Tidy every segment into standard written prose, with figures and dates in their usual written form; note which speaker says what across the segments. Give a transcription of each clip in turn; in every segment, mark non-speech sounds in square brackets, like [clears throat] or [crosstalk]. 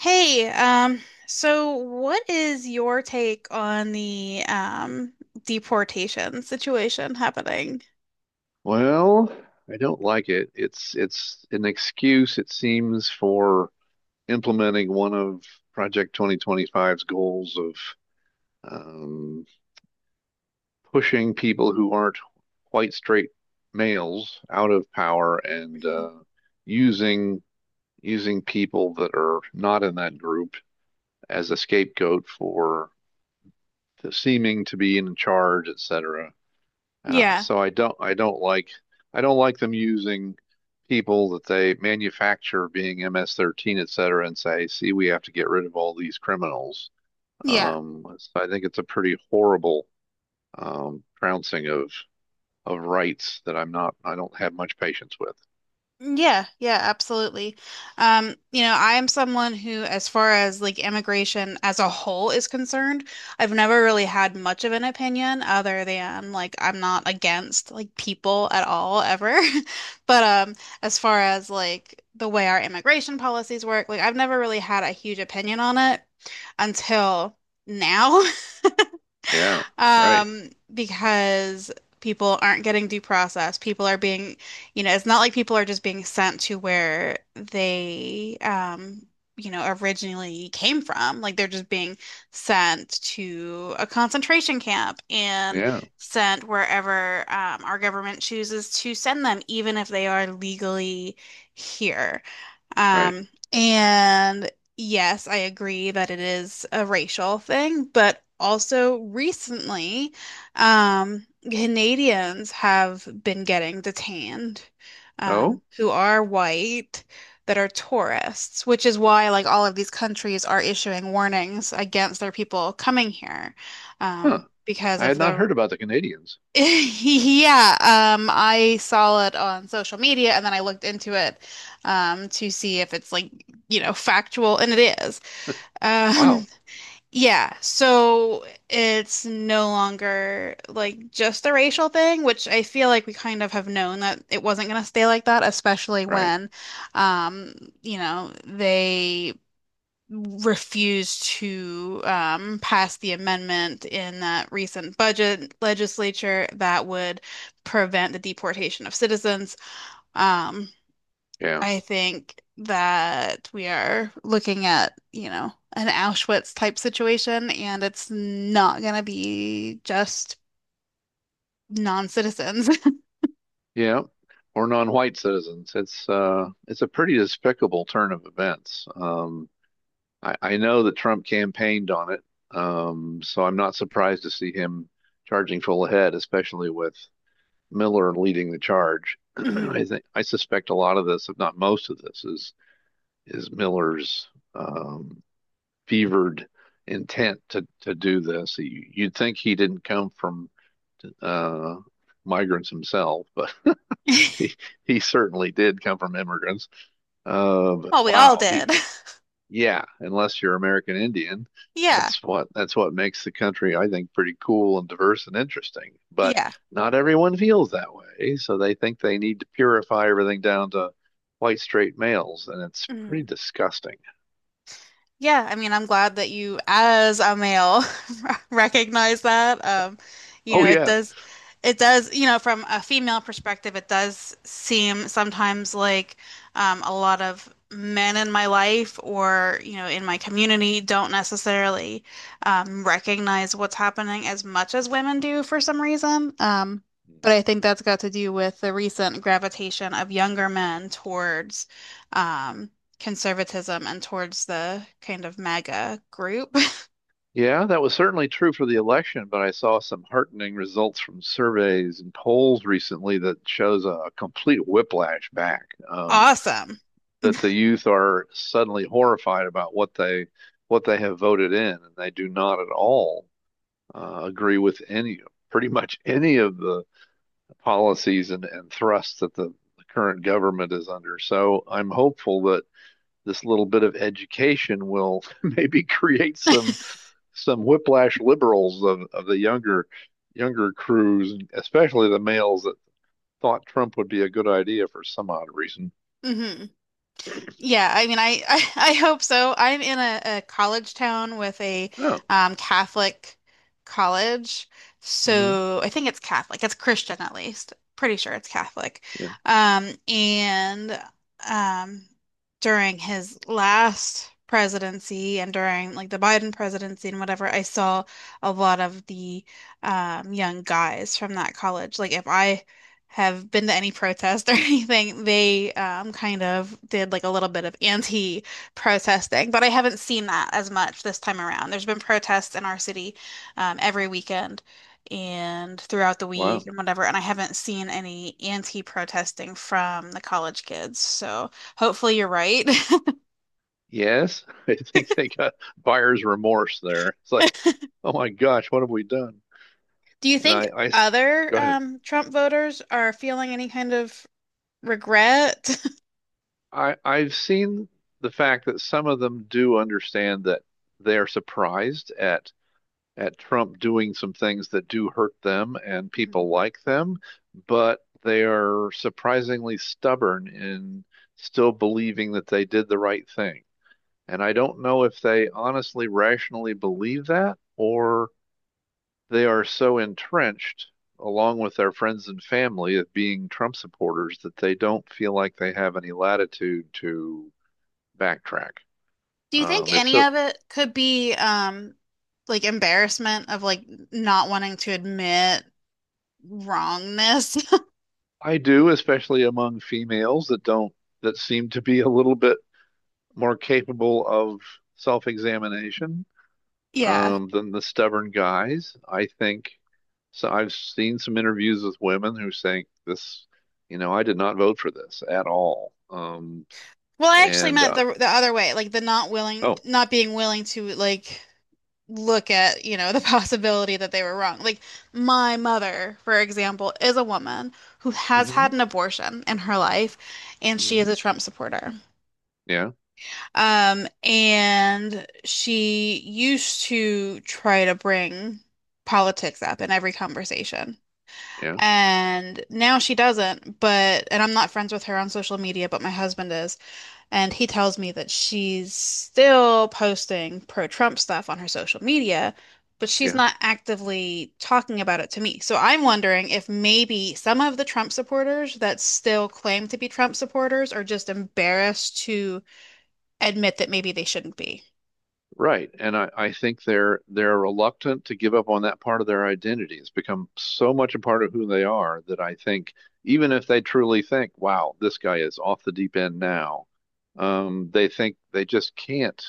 Speaker 1: Hey, so what is your take on the deportation situation happening?
Speaker 2: Well, I don't like it. It's an excuse, it seems, for implementing one of Project 2025's goals of um, pushing people who aren't white straight males out of power, and using using people that are not in that group as a scapegoat for the seeming to be in charge, etc. Uh,
Speaker 1: Yeah.
Speaker 2: so I don't I don't like I don't like them using people that they manufacture being MS-13, et cetera, and say, see, we have to get rid of all these criminals.
Speaker 1: Yeah.
Speaker 2: So I think it's a pretty horrible trouncing of rights that I don't have much patience with.
Speaker 1: Yeah, yeah, absolutely. You know, I am someone who, as far as like immigration as a whole is concerned, I've never really had much of an opinion other than like I'm not against like people at all ever. [laughs] But as far as like the way our immigration policies work, like I've never really had a huge opinion on it until now. [laughs]
Speaker 2: Yeah, right.
Speaker 1: Because people aren't getting due process. People are being, you know, it's not like people are just being sent to where they, you know, originally came from. Like they're just being sent to a concentration camp and
Speaker 2: Yeah,
Speaker 1: sent wherever, our government chooses to send them, even if they are legally here.
Speaker 2: right.
Speaker 1: And yes, I agree that it is a racial thing, but also recently, Canadians have been getting detained,
Speaker 2: Oh,
Speaker 1: who are white, that are tourists, which is why like all of these countries are issuing warnings against their people coming here,
Speaker 2: huh.
Speaker 1: because
Speaker 2: I
Speaker 1: of
Speaker 2: had not
Speaker 1: the
Speaker 2: heard about the Canadians.
Speaker 1: [laughs] Yeah, I saw it on social media and then I looked into it to see if it's like, you know, factual, and it is. [laughs] Um,
Speaker 2: Wow.
Speaker 1: yeah, so it's no longer like just a racial thing, which I feel like we kind of have known that it wasn't going to stay like that, especially
Speaker 2: Right.
Speaker 1: when, um, you know, they refused to pass the amendment in that recent budget legislature that would prevent the deportation of citizens. Um,
Speaker 2: Yeah.
Speaker 1: I think that we are looking at, you know, an Auschwitz type situation, and it's not going to be just non-citizens. [laughs]
Speaker 2: Yeah, or non-white citizens. It's a pretty despicable turn of events. I know that Trump campaigned on it, so I'm not surprised to see him charging full ahead, especially with Miller leading the charge. [clears throat]
Speaker 1: Mhm.
Speaker 2: I think I suspect a lot of this, if not most of this, is Miller's um, fevered intent to do this. You'd think he didn't come from uh, migrants himself, but he
Speaker 1: [laughs]
Speaker 2: he certainly did come from immigrants. But
Speaker 1: Well, we all
Speaker 2: wow,
Speaker 1: did.
Speaker 2: he
Speaker 1: [laughs]
Speaker 2: yeah, unless you're American Indian,
Speaker 1: Yeah.
Speaker 2: that's what makes the country, I think, pretty cool and diverse and interesting. But
Speaker 1: Yeah.
Speaker 2: not everyone feels that way, so they think they need to purify everything down to white straight males, and it's pretty
Speaker 1: Mhm.
Speaker 2: disgusting.
Speaker 1: Yeah, I mean, I'm glad that you, as a male, [laughs] recognize that. You
Speaker 2: Oh
Speaker 1: know, it
Speaker 2: yeah,
Speaker 1: does, it does, you know, from a female perspective, it does seem sometimes like a lot of men in my life or, you know, in my community don't necessarily recognize what's happening as much as women do for some reason. But I think that's got to do with the recent gravitation of younger men towards. um, conservatism and towards the kind of MAGA group. [laughs]
Speaker 2: yeah, that was certainly true for the election, but I saw some heartening results from surveys and polls recently that shows a complete whiplash back.
Speaker 1: Awesome.
Speaker 2: That the youth are suddenly horrified about what they have voted in, and they do not at all agree with any pretty much [laughs] any of the policies and, thrusts that the current government is under. So I'm hopeful that this little bit of education will [laughs] maybe create some whiplash liberals of the younger crews, especially the males that thought Trump would be a good idea for some odd reason.
Speaker 1: Hmm. Yeah, I mean, [laughs] I hope so. I'm in a college town with a
Speaker 2: Oh,
Speaker 1: Catholic college.
Speaker 2: mm-hmm.
Speaker 1: So I think it's Catholic. It's Christian at least. Pretty sure it's Catholic.
Speaker 2: Yeah,
Speaker 1: And um, during his last presidency and during like the Biden presidency and whatever, I saw a lot of the young guys from that college. Like if I have been to any protest or [laughs] anything. They kind of did like a little bit of anti-protesting, but I haven't seen that as much this time around. There's been protests in our city every weekend and throughout the week
Speaker 2: wow.
Speaker 1: and whatever, and I haven't seen any anti-protesting from the college kids. So hopefully you're right.
Speaker 2: Yes, [laughs] I think they got buyer's remorse there. It's like,
Speaker 1: [laughs]
Speaker 2: oh my gosh, what have we done?
Speaker 1: Do you
Speaker 2: And
Speaker 1: think
Speaker 2: I s-
Speaker 1: other
Speaker 2: Go ahead.
Speaker 1: Trump voters are feeling any kind of regret?
Speaker 2: I've seen the fact that some of them do understand that they're surprised at Trump doing some things that do hurt them and people
Speaker 1: [laughs]
Speaker 2: like them, but they are surprisingly stubborn in still believing that they did the right thing. And I don't know if they honestly, rationally believe that, or they are so entrenched, along with their friends and family, of being Trump supporters, that they don't feel like they have any latitude to backtrack.
Speaker 1: Do you think
Speaker 2: It's
Speaker 1: any
Speaker 2: so
Speaker 1: of it could be like embarrassment of like not wanting to admit wrongness? [laughs]
Speaker 2: I do, especially among females that don't that seem to be a little bit more capable of self-examination
Speaker 1: Yeah.
Speaker 2: um, than the stubborn guys. I think so. I've seen some interviews with women who say this, you know, I did not vote for this at all.
Speaker 1: Well, I actually
Speaker 2: And
Speaker 1: meant
Speaker 2: uh,
Speaker 1: the other way, like the not willing,
Speaker 2: oh,
Speaker 1: not being willing to like look at, you know, [laughs] the possibility that they were wrong. Like my mother, for example, is a woman who has had
Speaker 2: mhm.
Speaker 1: an abortion in her life and she
Speaker 2: Hmm.
Speaker 1: is a Trump supporter.
Speaker 2: Yeah,
Speaker 1: And she used to try to bring politics up in every conversation.
Speaker 2: yeah,
Speaker 1: And now she doesn't, but, and I'm not friends with her on social media, but my husband is. And he tells me that she's still posting pro-Trump stuff on her social media, but she's
Speaker 2: yeah.
Speaker 1: not actively talking about it to me. So I'm wondering if maybe some of the Trump supporters that still claim to be Trump supporters are just embarrassed to admit that maybe they shouldn't be.
Speaker 2: Right. And I think they're reluctant to give up on that part of their identity. It's become so much a part of who they are that I think even if they truly think, wow, this guy is off the deep end now, they think they just can't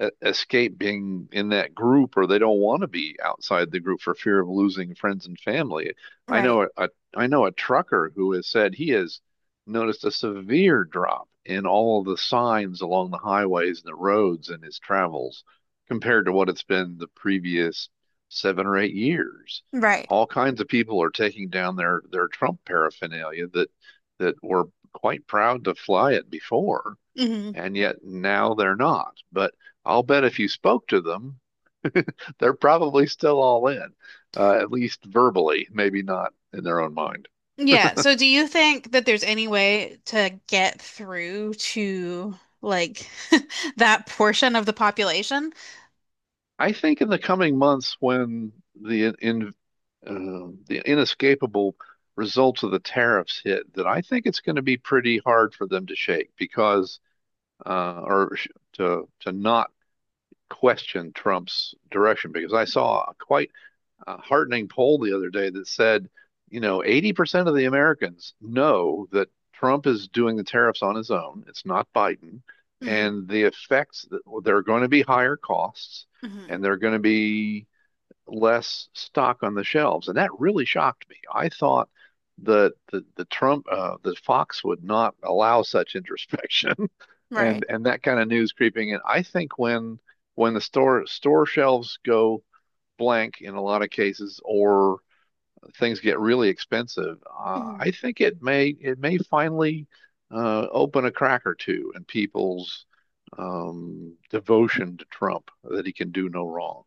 Speaker 2: escape being in that group, or they don't want to be outside the group for fear of losing friends and family. I
Speaker 1: Right.
Speaker 2: know a, a I know a trucker who has said he has noticed a severe drop in all of the signs along the highways and the roads in his travels compared to what it's been the previous 7 or 8 years.
Speaker 1: Right.
Speaker 2: All kinds of people are taking down their Trump paraphernalia that were quite proud to fly it before,
Speaker 1: Hmm.
Speaker 2: and yet now they're not. But I'll bet if you spoke to them, they're probably still all in, at least verbally, maybe not in their own mind.
Speaker 1: Yeah. So do you think that there's any way to get through to like [laughs] that portion of the population?
Speaker 2: I think in the coming months, when the in the inescapable results of the tariffs hit, that I think it's going to be pretty hard for them to shake because or sh- to not question Trump's direction. Because I saw a quite heartening poll the other day that said, you know, 80% of the Americans know that Trump is doing the tariffs on his own. It's not Biden,
Speaker 1: Hmm.
Speaker 2: and the effects that, well, there are going to be higher costs
Speaker 1: Hmm.
Speaker 2: and there are going to be less stock on the shelves, and that really shocked me. I thought that the Trump the Fox would not allow such introspection, [laughs]
Speaker 1: Right.
Speaker 2: and that kind of news creeping in. I think when the store shelves go blank in a lot of cases, or things get really expensive, I think it may finally open a crack or two in people's devotion to Trump that he can do no wrong.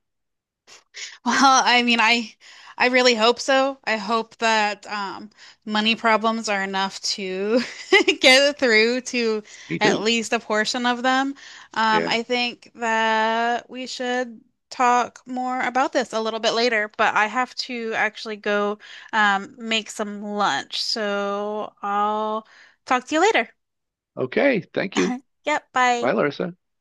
Speaker 1: Well, I mean, I really hope so. I hope that money problems are enough to [laughs] get through to
Speaker 2: Me
Speaker 1: at
Speaker 2: too.
Speaker 1: least a portion of them.
Speaker 2: Yeah.
Speaker 1: I think that we should talk more about this a little bit later, but I have to actually go make some lunch. So I'll talk to you later.
Speaker 2: Okay, thank you.
Speaker 1: [laughs] Yep, bye.
Speaker 2: Bye, Larissa.